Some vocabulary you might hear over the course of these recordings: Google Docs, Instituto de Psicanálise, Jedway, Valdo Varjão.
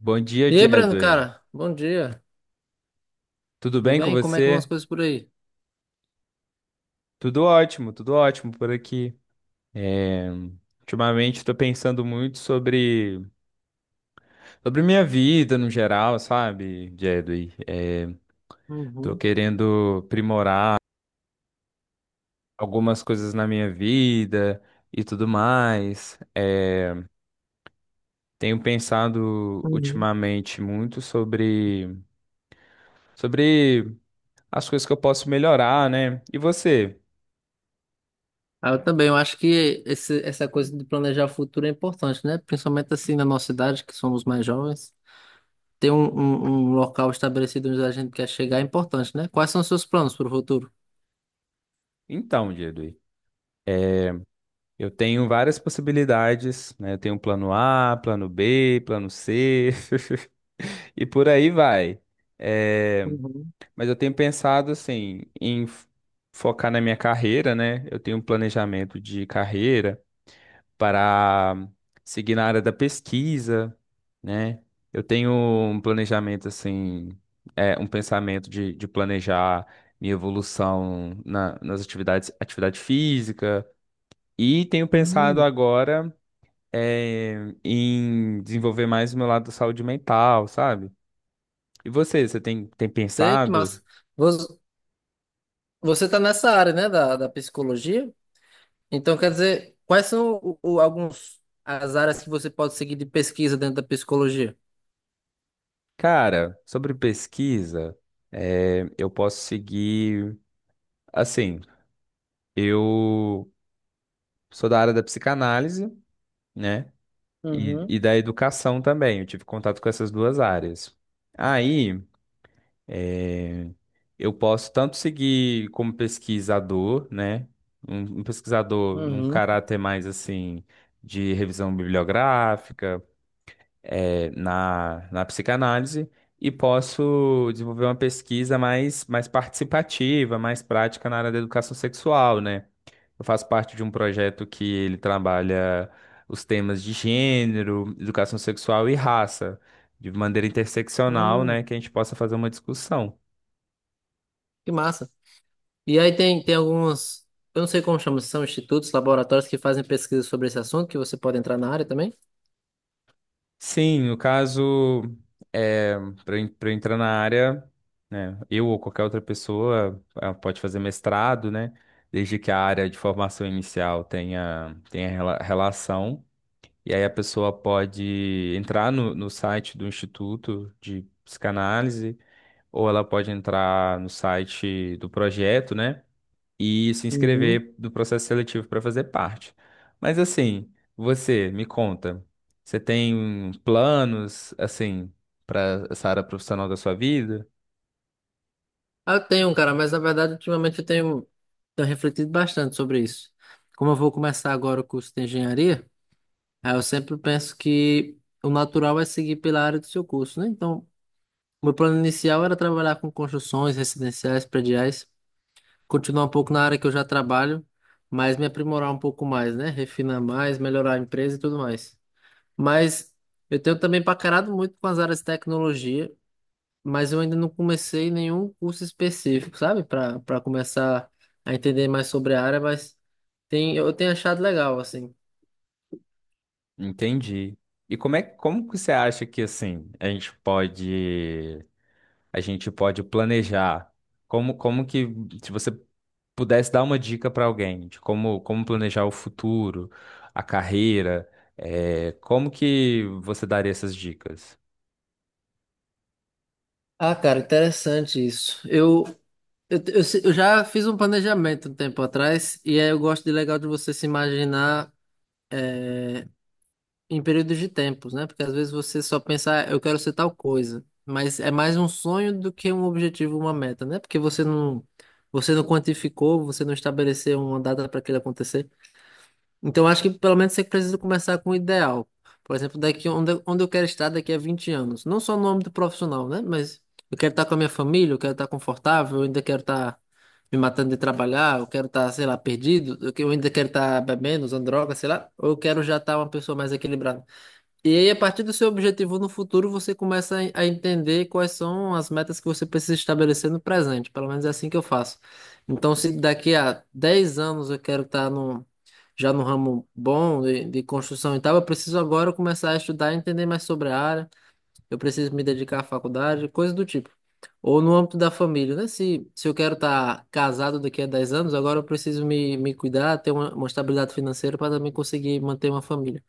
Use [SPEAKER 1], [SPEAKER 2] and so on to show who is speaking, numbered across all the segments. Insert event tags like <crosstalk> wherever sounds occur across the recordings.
[SPEAKER 1] Bom dia,
[SPEAKER 2] E aí, Breno,
[SPEAKER 1] Jedway.
[SPEAKER 2] cara, bom dia.
[SPEAKER 1] Tudo
[SPEAKER 2] Tudo
[SPEAKER 1] bem com
[SPEAKER 2] bem? Como é que vão as
[SPEAKER 1] você?
[SPEAKER 2] coisas por aí?
[SPEAKER 1] Tudo ótimo por aqui. É, ultimamente estou pensando muito sobre minha vida no geral, sabe, Jedway? Estou
[SPEAKER 2] Uhum,
[SPEAKER 1] querendo aprimorar algumas coisas na minha vida e tudo mais. Tenho pensado
[SPEAKER 2] uhum.
[SPEAKER 1] ultimamente muito sobre as coisas que eu posso melhorar, né? E você?
[SPEAKER 2] Ah, eu também, eu acho que essa coisa de planejar o futuro é importante, né? Principalmente assim na nossa idade, que somos mais jovens. Ter um local estabelecido onde a gente quer chegar é importante, né? Quais são os seus planos para o futuro?
[SPEAKER 1] Então, Jedway. Eu tenho várias possibilidades, né? Eu tenho plano A, plano B, plano C, <laughs> e por aí vai. Eh,
[SPEAKER 2] Uhum,
[SPEAKER 1] Mas eu tenho pensado, assim, focar na minha carreira, né? Eu tenho um planejamento de carreira para seguir na área da pesquisa, né? Eu tenho um planejamento, assim, um pensamento de planejar minha evolução nas atividades, atividade física. E tenho pensado
[SPEAKER 2] uhum.
[SPEAKER 1] agora é, em desenvolver mais o meu lado da saúde mental, sabe? E você, tem
[SPEAKER 2] Sei que
[SPEAKER 1] pensado?
[SPEAKER 2] massa. Vo- Você está nessa área, né, da, da psicologia? Então, quer dizer, quais são alguns as áreas que você pode seguir de pesquisa dentro da psicologia?
[SPEAKER 1] Cara, sobre pesquisa, eu posso seguir. Assim, eu sou da área da psicanálise, né?
[SPEAKER 2] Uhum,
[SPEAKER 1] E da educação também. Eu tive contato com essas duas áreas. Aí, é, eu posso tanto seguir como pesquisador, né? Um pesquisador num
[SPEAKER 2] uhum.
[SPEAKER 1] caráter mais assim de revisão bibliográfica na psicanálise e posso desenvolver uma pesquisa mais participativa, mais prática na área da educação sexual, né? Eu faço parte de um projeto que ele trabalha os temas de gênero, educação sexual e raça, de maneira interseccional,
[SPEAKER 2] Hum,
[SPEAKER 1] né? Que a gente possa fazer uma discussão.
[SPEAKER 2] que massa. E aí tem, tem alguns, eu não sei como chama, se são institutos, laboratórios que fazem pesquisa sobre esse assunto, que você pode entrar na área também?
[SPEAKER 1] Sim, no caso, é, para entrar na área, né, eu ou qualquer outra pessoa pode fazer mestrado, né? Desde que a área de formação inicial relação. E aí a pessoa pode entrar no site do Instituto de Psicanálise, ou ela pode entrar no site do projeto, né? E se
[SPEAKER 2] Uhum.
[SPEAKER 1] inscrever do processo seletivo para fazer parte. Mas assim, você me conta, você tem um planos assim para essa área profissional da sua vida?
[SPEAKER 2] Ah, eu tenho, um, cara, mas na verdade ultimamente eu tenho, tenho refletido bastante sobre isso. Como eu vou começar agora o curso de engenharia, aí eu sempre penso que o natural é seguir pela área do seu curso, né? Então, meu plano inicial era trabalhar com construções residenciais, prediais, continuar um pouco na área que eu já trabalho, mas me aprimorar um pouco mais, né? Refinar mais, melhorar a empresa e tudo mais. Mas eu tenho também paquerado muito com as áreas de tecnologia, mas eu ainda não comecei nenhum curso específico, sabe? Para começar a entender mais sobre a área, mas tem, eu tenho achado legal, assim.
[SPEAKER 1] Entendi. E como que você acha que assim a gente pode planejar? Como como que se você pudesse dar uma dica para alguém de como planejar o futuro, a carreira, como que você daria essas dicas?
[SPEAKER 2] Ah, cara, interessante isso. Eu, se- Eu já fiz um planejamento um tempo atrás, e aí eu gosto de legal de você se imaginar em períodos de tempos, né? Porque às vezes você só pensa, "Ah, eu quero ser tal coisa, mas é mais um sonho do que um objetivo, uma meta, né? Porque você não quantificou, você não estabeleceu uma data para aquilo acontecer. Então, acho que pelo menos você precisa começar com o ideal. Por exemplo, daqui onde, onde eu quero estar daqui a 20 anos. Não só no âmbito profissional, né? Mas eu quero estar com a minha família, eu quero estar confortável, eu ainda quero estar me matando de trabalhar, eu quero estar, sei lá, perdido, eu ainda quero estar bebendo, usando droga, sei lá. Ou eu quero já estar uma pessoa mais equilibrada. E aí, a partir do seu objetivo no futuro, você começa a entender quais são as metas que você precisa estabelecer no presente. Pelo menos é assim que eu faço. Então, se daqui a 10 anos eu quero estar já no ramo bom de construção e tal, eu preciso agora começar a estudar e entender mais sobre a área. Eu preciso me dedicar à faculdade, coisas do tipo. Ou no âmbito da família, né? Se eu quero estar casado daqui a 10 anos, agora eu preciso me cuidar, ter uma estabilidade financeira para também conseguir manter uma família.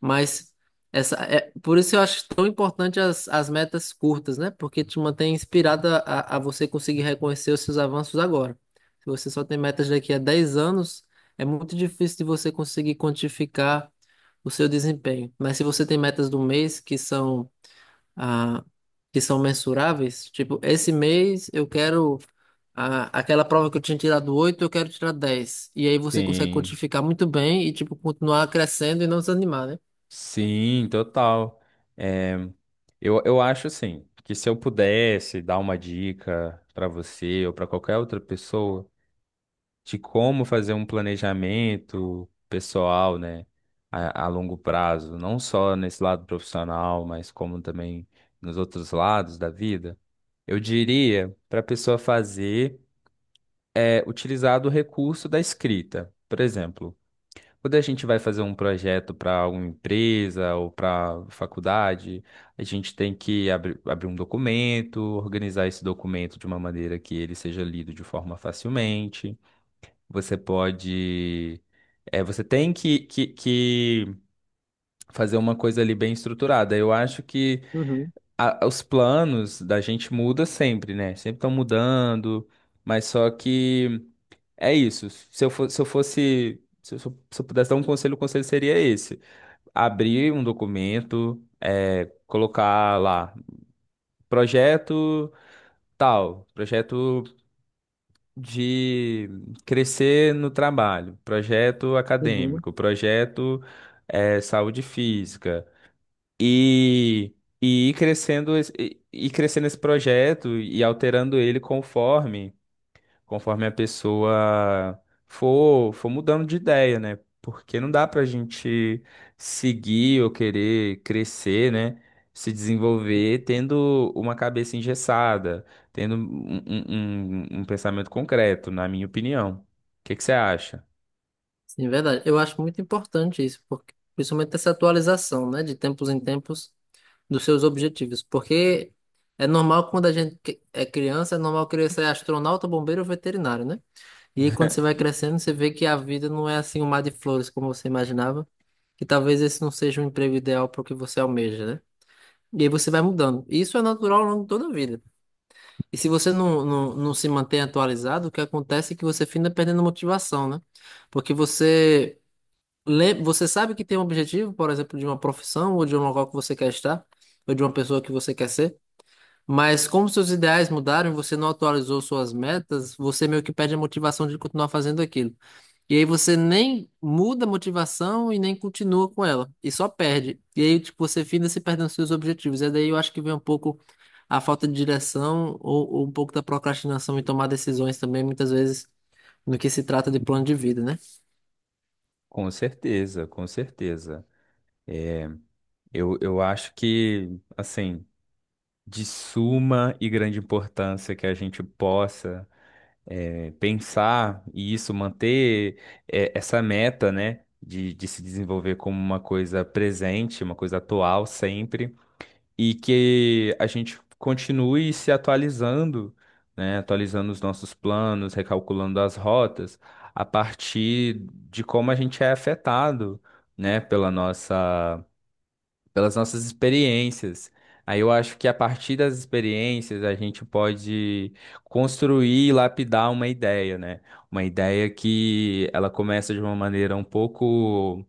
[SPEAKER 2] Mas essa é por isso eu acho tão importante as metas curtas, né? Porque te mantém inspirada a você conseguir reconhecer os seus avanços agora. Se você só tem metas daqui a 10 anos, é muito difícil de você conseguir quantificar o seu desempenho. Mas se você tem metas do mês que são ah, que são mensuráveis, tipo, esse mês eu quero a aquela prova que eu tinha tirado 8 eu quero tirar 10. E aí você consegue
[SPEAKER 1] Sim.
[SPEAKER 2] quantificar muito bem e tipo continuar crescendo e não desanimar, né?
[SPEAKER 1] Sim, total. É, eu acho assim, que se eu pudesse dar uma dica para você ou para qualquer outra pessoa de como fazer um planejamento pessoal, né, a longo prazo, não só nesse lado profissional, mas como também nos outros lados da vida, eu diria para a pessoa fazer utilizar do recurso da escrita. Por exemplo, quando a gente vai fazer um projeto para alguma empresa ou para faculdade, a gente tem que abrir um documento, organizar esse documento de uma maneira que ele seja lido de forma facilmente. Você pode. Você tem que fazer uma coisa ali bem estruturada. Eu acho que
[SPEAKER 2] Uhum,
[SPEAKER 1] os planos da gente muda sempre, né? Sempre estão mudando, mas só que. É isso. Se eu fo- se eu fosse, se eu, sou- Se eu pudesse dar um conselho, o conselho seria esse: abrir um documento, colocar lá projeto tal, projeto de crescer no trabalho, projeto
[SPEAKER 2] uhum.
[SPEAKER 1] acadêmico, projeto saúde física e e ir crescendo esse projeto e alterando ele conforme a pessoa for mudando de ideia, né? Porque não dá pra gente seguir ou querer crescer, né? Se desenvolver tendo uma cabeça engessada, tendo um pensamento concreto, na minha opinião. O que que você acha?
[SPEAKER 2] Sim, é verdade. Eu acho muito importante isso, porque, principalmente essa atualização, né, de tempos em tempos dos seus objetivos, porque é normal quando a gente é criança, é normal querer ser astronauta, bombeiro ou veterinário, né? E aí, quando você vai crescendo, você vê que a vida não é assim um mar de flores como você imaginava, que talvez esse não seja o emprego ideal para o que você almeja, né? E aí você vai mudando. E isso é natural ao longo de toda a vida. E se você não se mantém atualizado, o que acontece é que você finda perdendo motivação, né? Porque você, você sabe que tem um objetivo, por exemplo, de uma profissão, ou de um local que você quer estar, ou de uma pessoa que você quer ser, mas como seus ideais mudaram e você não atualizou suas metas, você meio que perde a motivação de continuar fazendo aquilo. E aí você nem muda a motivação e nem continua com ela. E só perde. E aí, tipo, você finda se perdendo nos seus objetivos. E daí eu acho que vem um pouco a falta de direção ou um pouco da procrastinação em tomar decisões também, muitas vezes, no que se trata de plano de vida, né?
[SPEAKER 1] Com certeza, com certeza. Eu acho que, assim, de suma e grande importância que a gente possa. Pensar e isso manter essa meta, né, de se desenvolver como uma coisa presente, uma coisa atual sempre, e que a gente continue se atualizando, né, atualizando os nossos planos, recalculando as rotas, a partir de como a gente é afetado, né, pelas nossas experiências. Aí eu acho que a partir das experiências a gente pode construir e lapidar uma ideia, né? Uma ideia que ela começa de uma maneira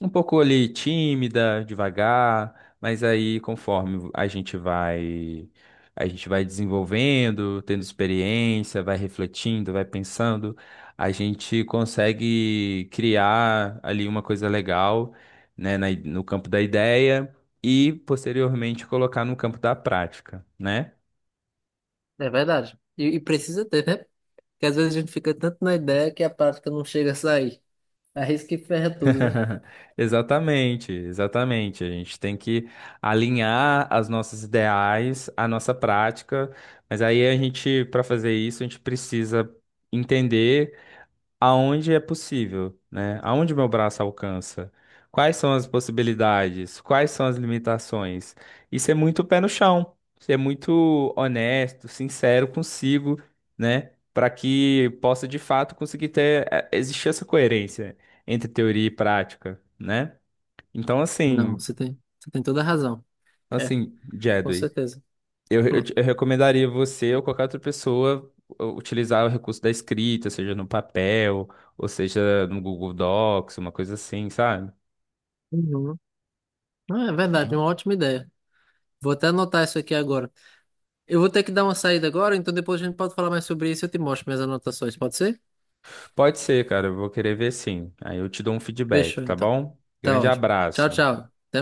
[SPEAKER 1] um pouco ali tímida, devagar, mas aí conforme a gente vai desenvolvendo, tendo experiência, vai refletindo, vai pensando, a gente consegue criar ali uma coisa legal, né, no campo da ideia e posteriormente colocar no campo da prática, né?
[SPEAKER 2] É verdade. E precisa ter, né? Porque às vezes a gente fica tanto na ideia que a prática não chega a sair. Arrisca que ferra tudo, né?
[SPEAKER 1] <laughs> Exatamente, exatamente. A gente tem que alinhar as nossas ideais, a nossa prática, mas aí a gente, para fazer isso, a gente precisa entender aonde é possível, né? Aonde meu braço alcança? Quais são as possibilidades? Quais são as limitações? E ser muito pé no chão, ser muito honesto, sincero consigo, né? Para que possa de fato conseguir ter existir essa coerência entre teoria e prática, né? Então
[SPEAKER 2] Não,
[SPEAKER 1] assim,
[SPEAKER 2] você tem toda a razão. É,
[SPEAKER 1] assim,
[SPEAKER 2] com
[SPEAKER 1] Jedway.
[SPEAKER 2] certeza. Hum.
[SPEAKER 1] Eu recomendaria você ou qualquer outra pessoa utilizar o recurso da escrita, seja no papel, ou seja no Google Docs, uma coisa assim, sabe?
[SPEAKER 2] Uhum. Ah, é verdade, é uma ótima ideia. Vou até anotar isso aqui agora. Eu vou ter que dar uma saída agora, então depois a gente pode falar mais sobre isso e eu te mostro minhas anotações, pode ser?
[SPEAKER 1] Pode ser, cara, eu vou querer ver sim. Aí eu te dou um feedback,
[SPEAKER 2] Fechou,
[SPEAKER 1] tá
[SPEAKER 2] então.
[SPEAKER 1] bom?
[SPEAKER 2] Tá
[SPEAKER 1] Grande
[SPEAKER 2] ótimo. Tchau,
[SPEAKER 1] abraço.
[SPEAKER 2] tchau. Até